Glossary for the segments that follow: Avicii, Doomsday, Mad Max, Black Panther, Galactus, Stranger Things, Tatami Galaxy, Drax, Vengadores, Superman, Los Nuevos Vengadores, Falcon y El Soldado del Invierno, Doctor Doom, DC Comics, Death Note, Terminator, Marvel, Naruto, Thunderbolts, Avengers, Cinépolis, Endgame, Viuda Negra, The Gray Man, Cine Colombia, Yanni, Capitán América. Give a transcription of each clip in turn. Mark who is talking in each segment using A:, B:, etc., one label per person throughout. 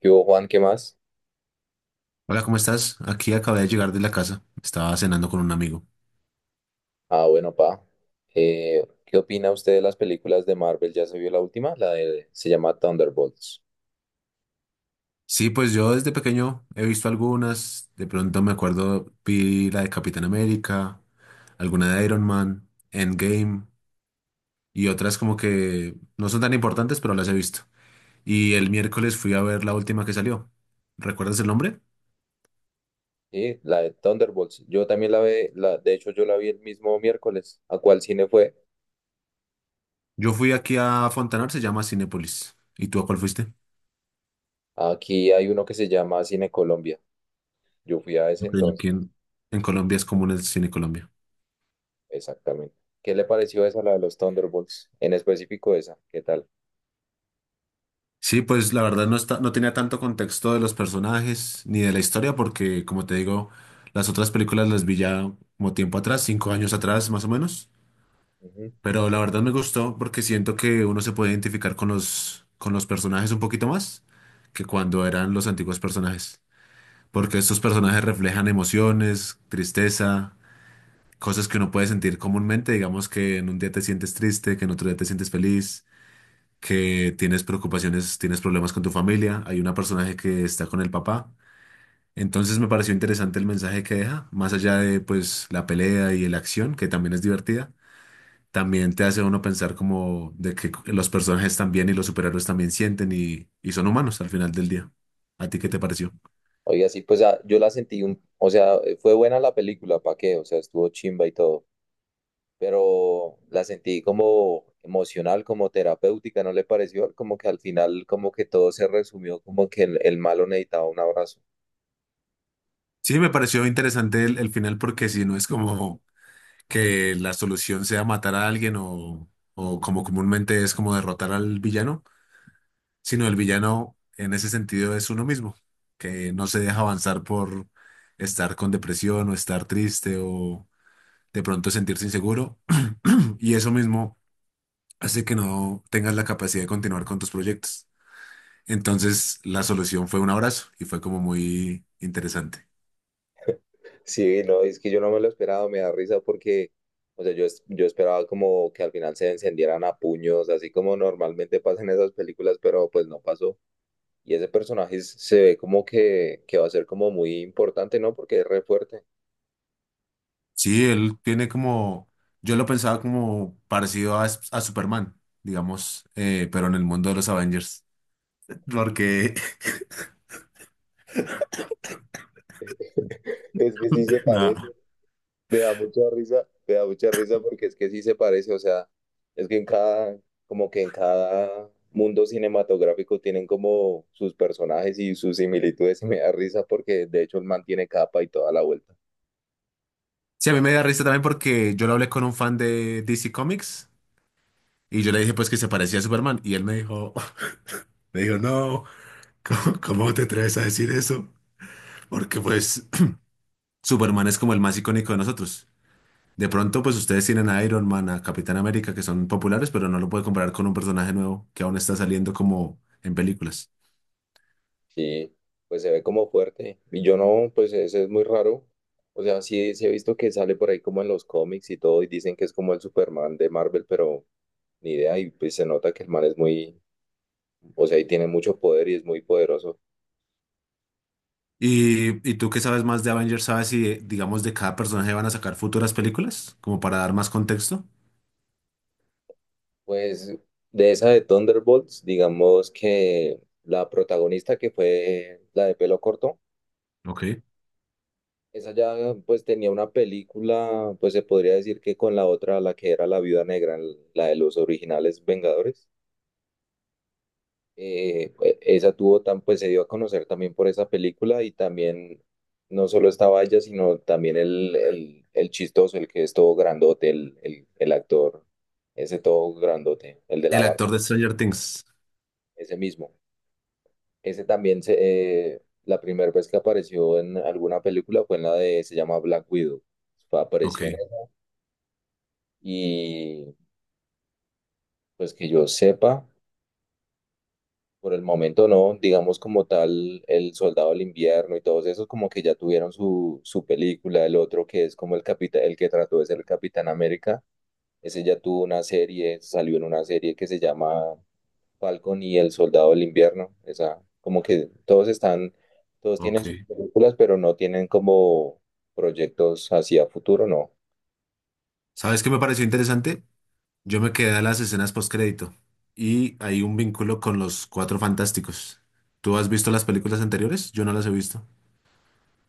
A: ¿Qué hubo, Juan? ¿Qué más?
B: Hola, ¿cómo estás? Aquí acabé de llegar de la casa. Estaba cenando con un amigo.
A: Ah, bueno, pa. ¿Qué opina usted de las películas de Marvel? ¿Ya se vio la última? La de, se llama Thunderbolts.
B: Sí, pues yo desde pequeño he visto algunas. De pronto me acuerdo, vi la de Capitán América, alguna de Iron Man, Endgame y otras como que no son tan importantes, pero las he visto. Y el miércoles fui a ver la última que salió. ¿Recuerdas el nombre?
A: Sí, la de Thunderbolts. Yo también la vi, la, de hecho yo la vi el mismo miércoles. ¿A cuál cine fue?
B: Yo fui aquí a Fontanar, se llama Cinépolis. ¿Y tú a cuál fuiste?
A: Aquí hay uno que se llama Cine Colombia. Yo fui a ese
B: Ok,
A: entonces,
B: aquí en Colombia es común el Cine Colombia.
A: exactamente. ¿Qué le pareció esa, la de los Thunderbolts? En específico esa, ¿qué tal?
B: Sí, pues la verdad no está, no tenía tanto contexto de los personajes ni de la historia, porque como te digo, las otras películas las vi ya como tiempo atrás, cinco años atrás más o menos.
A: Ujú.
B: Pero la verdad me gustó porque siento que uno se puede identificar con con los personajes un poquito más que cuando eran los antiguos personajes. Porque estos personajes reflejan emociones, tristeza, cosas que uno puede sentir comúnmente. Digamos que en un día te sientes triste, que en otro día te sientes feliz, que tienes preocupaciones, tienes problemas con tu familia, hay una personaje que está con el papá. Entonces me pareció interesante el mensaje que deja, más allá de pues la pelea y la acción, que también es divertida, también te hace uno pensar como de que los personajes también y los superhéroes también sienten y son humanos al final del día. ¿A ti qué te pareció?
A: Oiga, sí, pues yo la sentí un, o sea, fue buena la película, ¿pa' qué? O sea, estuvo chimba y todo pero la sentí como emocional, como terapéutica, ¿no le pareció? Como que al final, como que todo se resumió, como que el malo necesitaba un abrazo.
B: Sí, me pareció interesante el final porque si no es como que la solución sea matar a alguien o como comúnmente es como derrotar al villano, sino el villano en ese sentido es uno mismo, que no se deja avanzar por estar con depresión o estar triste o de pronto sentirse inseguro y eso mismo hace que no tengas la capacidad de continuar con tus proyectos. Entonces la solución fue un abrazo y fue como muy interesante.
A: Sí, no, es que yo no me lo esperaba, me da risa porque, o sea, yo, yo esperaba como que al final se encendieran a puños, así como normalmente pasa en esas películas, pero pues no pasó. Y ese personaje se ve como que va a ser como muy importante, ¿no? Porque es re fuerte.
B: Sí, él tiene como, yo lo pensaba como parecido a Superman, digamos, pero en el mundo de los Avengers. Porque,
A: Es que sí se parece.
B: nada.
A: Me da mucha risa, me da mucha risa porque es que sí se parece, o sea, es que en cada, como que en cada mundo cinematográfico tienen como sus personajes y sus similitudes y me da risa porque de hecho el man tiene capa y toda la vuelta.
B: Sí, a mí me da risa también porque yo lo hablé con un fan de DC Comics y yo le dije pues que se parecía a Superman y él me dijo, me dijo, no, ¿cómo, cómo te atreves a decir eso? Porque pues Superman es como el más icónico de nosotros. De pronto pues ustedes tienen a Iron Man, a Capitán América que son populares, pero no lo puede comparar con un personaje nuevo que aún está saliendo como en películas.
A: Sí, pues se ve como fuerte. Y yo no, pues ese es muy raro. O sea, sí, sí he visto que sale por ahí como en los cómics y todo y dicen que es como el Superman de Marvel, pero ni idea y pues se nota que el man es muy, o sea, y tiene mucho poder y es muy poderoso.
B: Y tú que sabes más de Avengers, ¿sabes si, digamos, de cada personaje van a sacar futuras películas? Como para dar más contexto.
A: Pues de esa de Thunderbolts, digamos que la protagonista que fue la de pelo corto,
B: Ok.
A: esa ya pues tenía una película, pues se podría decir que con la otra, la que era la Viuda Negra, la de los originales Vengadores, pues, esa tuvo tan, pues se dio a conocer también por esa película y también no solo estaba ella, sino también el chistoso, el que es todo grandote, el actor, ese todo grandote, el de la
B: El
A: barba,
B: actor de Stranger Things.
A: ese mismo. Ese también, se, la primera vez que apareció en alguna película fue en la de, se llama Black Widow.
B: Ok,
A: Apareció en esa y pues que yo sepa, por el momento no, digamos como tal, El Soldado del Invierno y todos esos como que ya tuvieron su película, el otro que es como el capitán, el que trató de ser el Capitán América, ese ya tuvo una serie, salió en una serie que se llama Falcon y El Soldado del Invierno. Esa, como que todos están, todos tienen
B: ok.
A: sus películas, pero no tienen como proyectos hacia futuro, no.
B: ¿Sabes qué me pareció interesante? Yo me quedé a las escenas postcrédito. Y hay un vínculo con los Cuatro Fantásticos. ¿Tú has visto las películas anteriores? Yo no las he visto.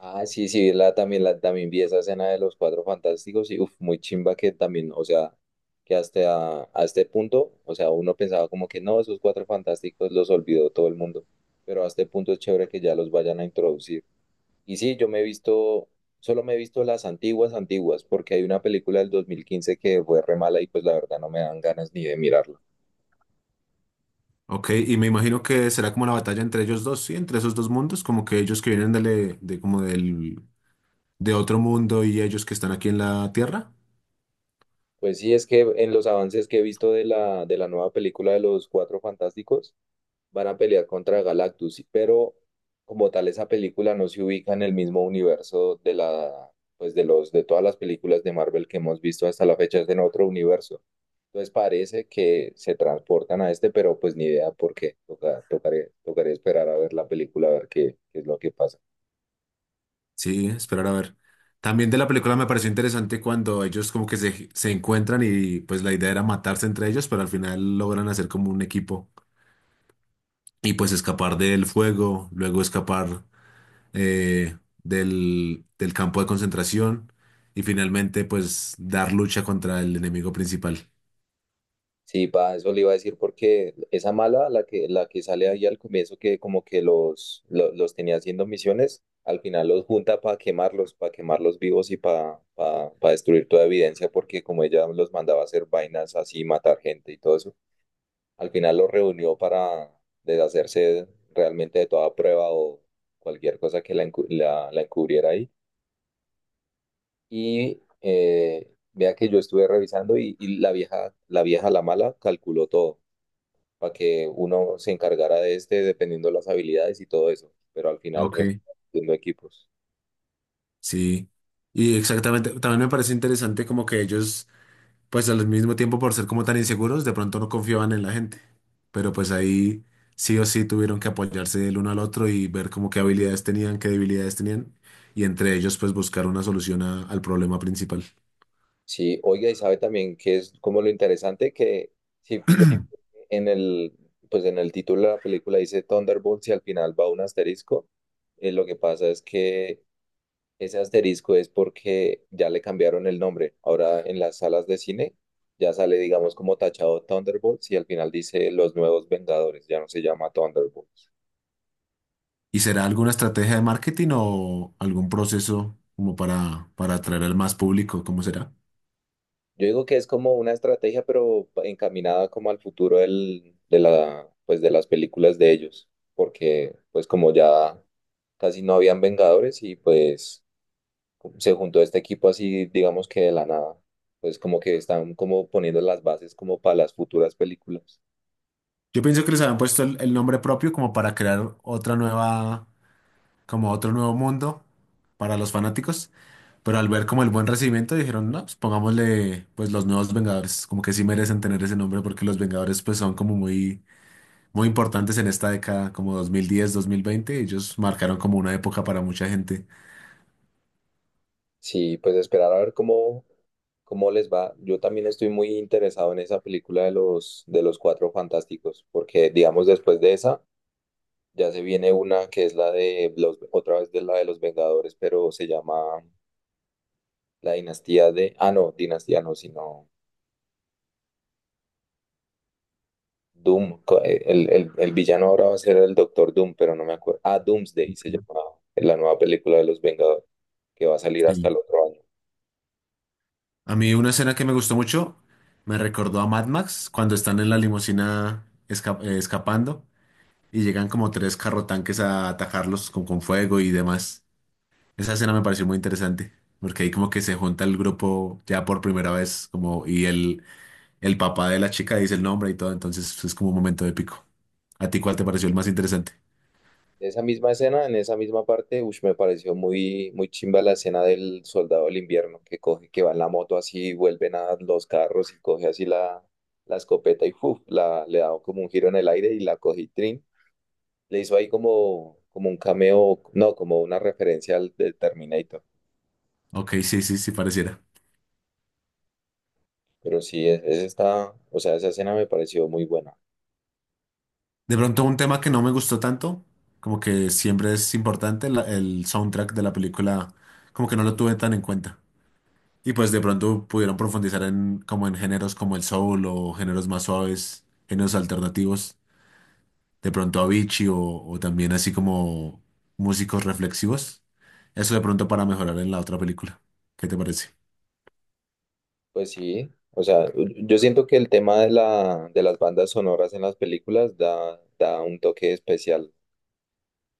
A: Ah, sí, sí, la, también vi esa escena de los Cuatro Fantásticos y uf, muy chimba que también, o sea, que hasta a, este punto, o sea, uno pensaba como que no, esos Cuatro Fantásticos los olvidó todo el mundo, pero a este punto es chévere que ya los vayan a introducir. Y sí, yo me he visto, solo me he visto las antiguas, antiguas, porque hay una película del 2015 que fue re mala y pues la verdad no me dan ganas ni de mirarla.
B: Ok, y me imagino que será como la batalla entre ellos dos, ¿sí? Entre esos dos mundos, como que ellos que vienen de como del, de otro mundo y ellos que están aquí en la Tierra.
A: Pues sí, es que en los avances que he visto de la nueva película de los Cuatro Fantásticos, van a pelear contra Galactus, pero como tal esa película no se ubica en el mismo universo de la, pues de los, de todas las películas de Marvel que hemos visto hasta la fecha, es en otro universo. Entonces parece que se transportan a este, pero pues ni idea por qué. Toca, tocaré, tocaré esperar a ver la película, a ver qué, qué es lo que pasa.
B: Sí, esperar a ver. También de la película me pareció interesante cuando ellos como que se encuentran y pues la idea era matarse entre ellos, pero al final logran hacer como un equipo y pues escapar del fuego, luego escapar eh, del campo de concentración y finalmente pues dar lucha contra el enemigo principal.
A: Sí, va, eso le iba a decir porque esa mala, la que sale ahí al comienzo, que como que los, los, tenía haciendo misiones, al final los junta para quemarlos vivos y para destruir toda evidencia, porque como ella los mandaba a hacer vainas así, matar gente y todo eso, al final lo reunió para deshacerse realmente de toda prueba o cualquier cosa que la, la encubriera ahí. Y vea que yo estuve revisando y la vieja, la vieja, la mala, calculó todo para que uno se encargara de este dependiendo las habilidades y todo eso, pero al final
B: Ok.
A: resultaron siendo equipos.
B: Sí. Y exactamente, también me parece interesante como que ellos, pues al mismo tiempo, por ser como tan inseguros, de pronto no confiaban en la gente. Pero pues ahí sí o sí tuvieron que apoyarse el uno al otro y ver como qué habilidades tenían, qué debilidades tenían. Y entre ellos, pues buscar una solución a- al problema principal.
A: Sí, oiga, y sabe también que es como lo interesante que si pilló en el, pues en el título de la película dice Thunderbolts y al final va un asterisco. Lo que pasa es que ese asterisco es porque ya le cambiaron el nombre. Ahora en las salas de cine ya sale, digamos, como tachado Thunderbolts y al final dice Los Nuevos Vengadores, ya no se llama Thunderbolts.
B: ¿Y será alguna estrategia de marketing o algún proceso como para atraer al más público? ¿Cómo será?
A: Yo digo que es como una estrategia, pero encaminada como al futuro del, de la, pues de las películas de ellos, porque pues como ya casi no habían Vengadores y pues se juntó este equipo así, digamos que de la nada. Pues como que están como poniendo las bases como para las futuras películas.
B: Yo pienso que les habían puesto el nombre propio como para crear otra nueva, como otro nuevo mundo para los fanáticos. Pero al ver como el buen recibimiento dijeron, no, pues pongámosle pues los nuevos Vengadores, como que sí merecen tener ese nombre porque los Vengadores pues son como muy, muy importantes en esta década, como 2010, 2020, ellos marcaron como una época para mucha gente.
A: Sí, pues esperar a ver cómo, cómo les va. Yo también estoy muy interesado en esa película de los Cuatro Fantásticos, porque digamos después de esa ya se viene una que es la de los, otra vez de la de los Vengadores, pero se llama la dinastía de, ah no, dinastía no, sino Doom, el villano ahora va a ser el Doctor Doom, pero no me acuerdo. Ah, Doomsday se llamaba, la nueva película de los Vengadores, que va a salir hasta
B: Sí.
A: el otro año.
B: A mí una escena que me gustó mucho me recordó a Mad Max cuando están en la limusina escapando y llegan como tres carrotanques a atacarlos con fuego y demás. Esa escena me pareció muy interesante porque ahí como que se junta el grupo ya por primera vez, como, y el papá de la chica dice el nombre y todo, entonces pues, es como un momento épico. ¿A ti cuál te pareció el más interesante?
A: Esa misma escena, en esa misma parte, ush, me pareció muy, muy chimba la escena del soldado del invierno que coge, que va en la moto así, vuelven a los carros y coge así la, la escopeta y ¡fuf! La, le da como un giro en el aire y la cogí trin. Le hizo ahí como, como un cameo, no, como una referencia al del Terminator.
B: Ok, sí, sí, sí, pareciera.
A: Pero sí, esa está, o sea, esa escena me pareció muy buena.
B: De pronto un tema que no me gustó tanto, como que siempre es importante, la- el soundtrack de la película, como que no lo tuve tan en cuenta. Y pues de pronto pudieron profundizar en, como en géneros como el soul o géneros más suaves, géneros alternativos. De pronto Avicii o también así como músicos reflexivos. Eso de pronto para mejorar en la otra película. ¿Qué te parece?
A: Pues sí, o sea, yo siento que el tema de la, de las bandas sonoras en las películas da, da un toque especial.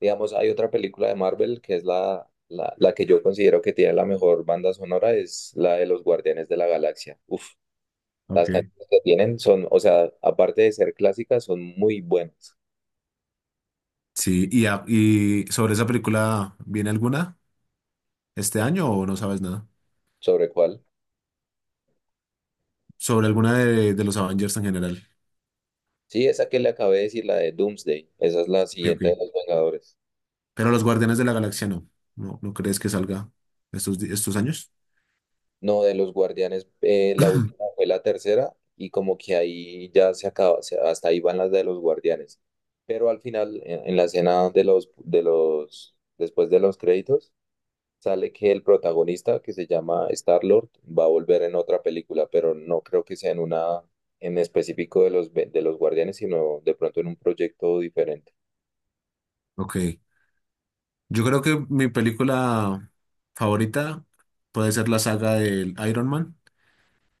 A: Digamos, hay otra película de Marvel que es la, la, la que yo considero que tiene la mejor banda sonora, es la de los Guardianes de la Galaxia. Uf, las
B: Ok.
A: canciones que tienen son, o sea, aparte de ser clásicas, son muy buenas.
B: Sí, y, a- y sobre esa película, ¿viene alguna este año o no sabes nada?
A: ¿Sobre cuál?
B: Sobre alguna de los Avengers en general.
A: Sí, esa que le acabé de decir, la de Doomsday. Esa es la
B: Ok, ok.
A: siguiente de los Vengadores.
B: Pero los Guardianes de la Galaxia no. ¿No, no crees que salga estos, di- estos años?
A: No, de los Guardianes, la última fue la tercera y como que ahí ya se acaba, o sea, hasta ahí van las de los Guardianes. Pero al final, en la escena de los, después de los créditos, sale que el protagonista, que se llama Star-Lord, va a volver en otra película, pero no creo que sea en una en específico de los, de los Guardianes, sino de pronto en un proyecto diferente.
B: Ok. Yo creo que mi película favorita puede ser la saga del Iron Man.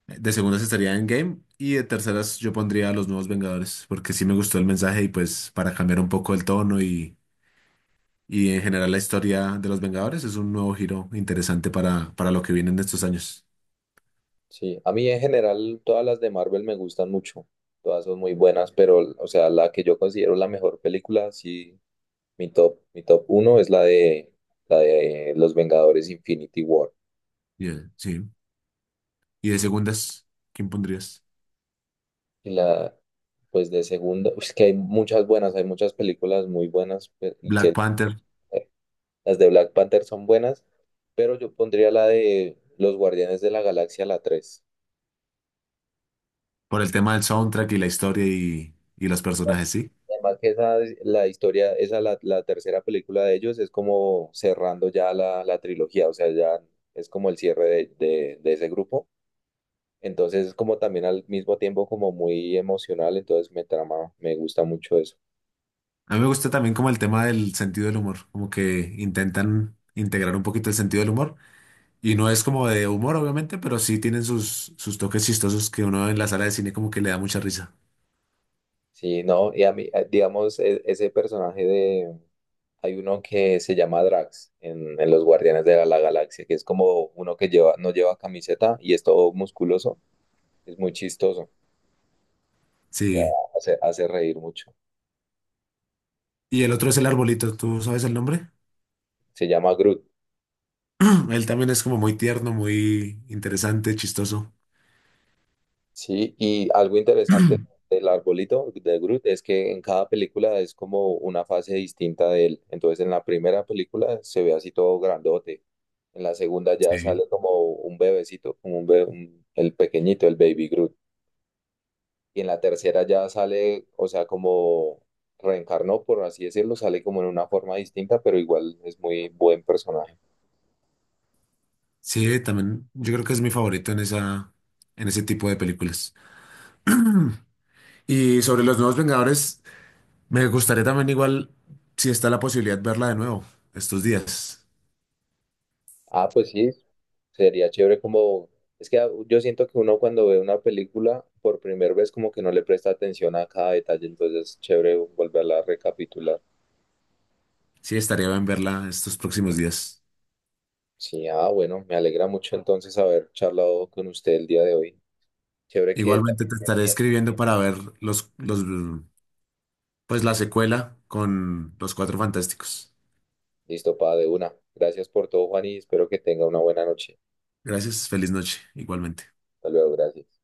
B: De segundas estaría Endgame y de terceras yo pondría a Los Nuevos Vengadores porque sí me gustó el mensaje y pues para cambiar un poco el tono. Y en general la historia de los Vengadores es un nuevo giro interesante para lo que viene en estos años.
A: Sí, a mí en general todas las de Marvel me gustan mucho. Todas son muy buenas, pero, o sea, la que yo considero la mejor película, sí, mi top uno es la de Los Vengadores Infinity War.
B: Y, sí. Y de segundas, ¿quién pondrías?
A: Y la, pues de segunda, es que hay muchas buenas, hay muchas películas muy buenas pe- y
B: Black
A: que
B: Panther,
A: eh, las de Black Panther son buenas, pero yo pondría la de Los Guardianes de la Galaxia, la 3
B: por el tema del soundtrack y la historia y los personajes, sí.
A: Además que esa, es la historia, esa, la tercera película de ellos es como cerrando ya la trilogía, o sea, ya es como el cierre de, de ese grupo. Entonces es como también al mismo tiempo como muy emocional, entonces me trama, me gusta mucho eso.
B: A mí me gusta también como el tema del sentido del humor, como que intentan integrar un poquito el sentido del humor. Y no es como de humor, obviamente, pero sí tienen sus, sus toques chistosos que uno en la sala de cine como que le da mucha risa.
A: Sí, no, y a mí, digamos, ese personaje de... Hay uno que se llama Drax en Los Guardianes de la, la Galaxia, que es como uno que lleva, no lleva camiseta y es todo musculoso, es muy chistoso, o sea,
B: Sí.
A: hace, hace reír mucho.
B: Y el otro es el arbolito, ¿tú sabes el nombre?
A: Se llama Groot.
B: Él también es como muy tierno, muy interesante, chistoso.
A: Sí, y algo interesante del arbolito de Groot es que en cada película es como una fase distinta de él. Entonces, en la primera película se ve así todo grandote. En la segunda ya
B: Sí.
A: sale como un bebecito, como un el pequeñito, el baby Groot. Y en la tercera ya sale, o sea, como reencarnó, por así decirlo, sale como en una forma distinta, pero igual es muy buen personaje.
B: Sí, también yo creo que es mi favorito en esa, en ese tipo de películas. Y sobre los nuevos Vengadores, me gustaría también igual, si está la posibilidad, verla de nuevo estos días.
A: Ah, pues sí, Sería chévere como, es que yo siento que uno cuando ve una película por primera vez como que no le presta atención a cada detalle, entonces es chévere volverla a recapitular.
B: Sí, estaría bien verla estos próximos días.
A: Sí, ah, bueno, me alegra mucho entonces haber charlado con usted el día de hoy. Chévere que
B: Igualmente
A: también
B: te
A: me
B: estaré
A: entienda.
B: escribiendo para ver los, pues la secuela con los Cuatro Fantásticos.
A: Listo, pa, de una. Gracias por todo, Juan, y espero que tenga una buena noche.
B: Gracias, feliz noche, igualmente.
A: Hasta luego, gracias.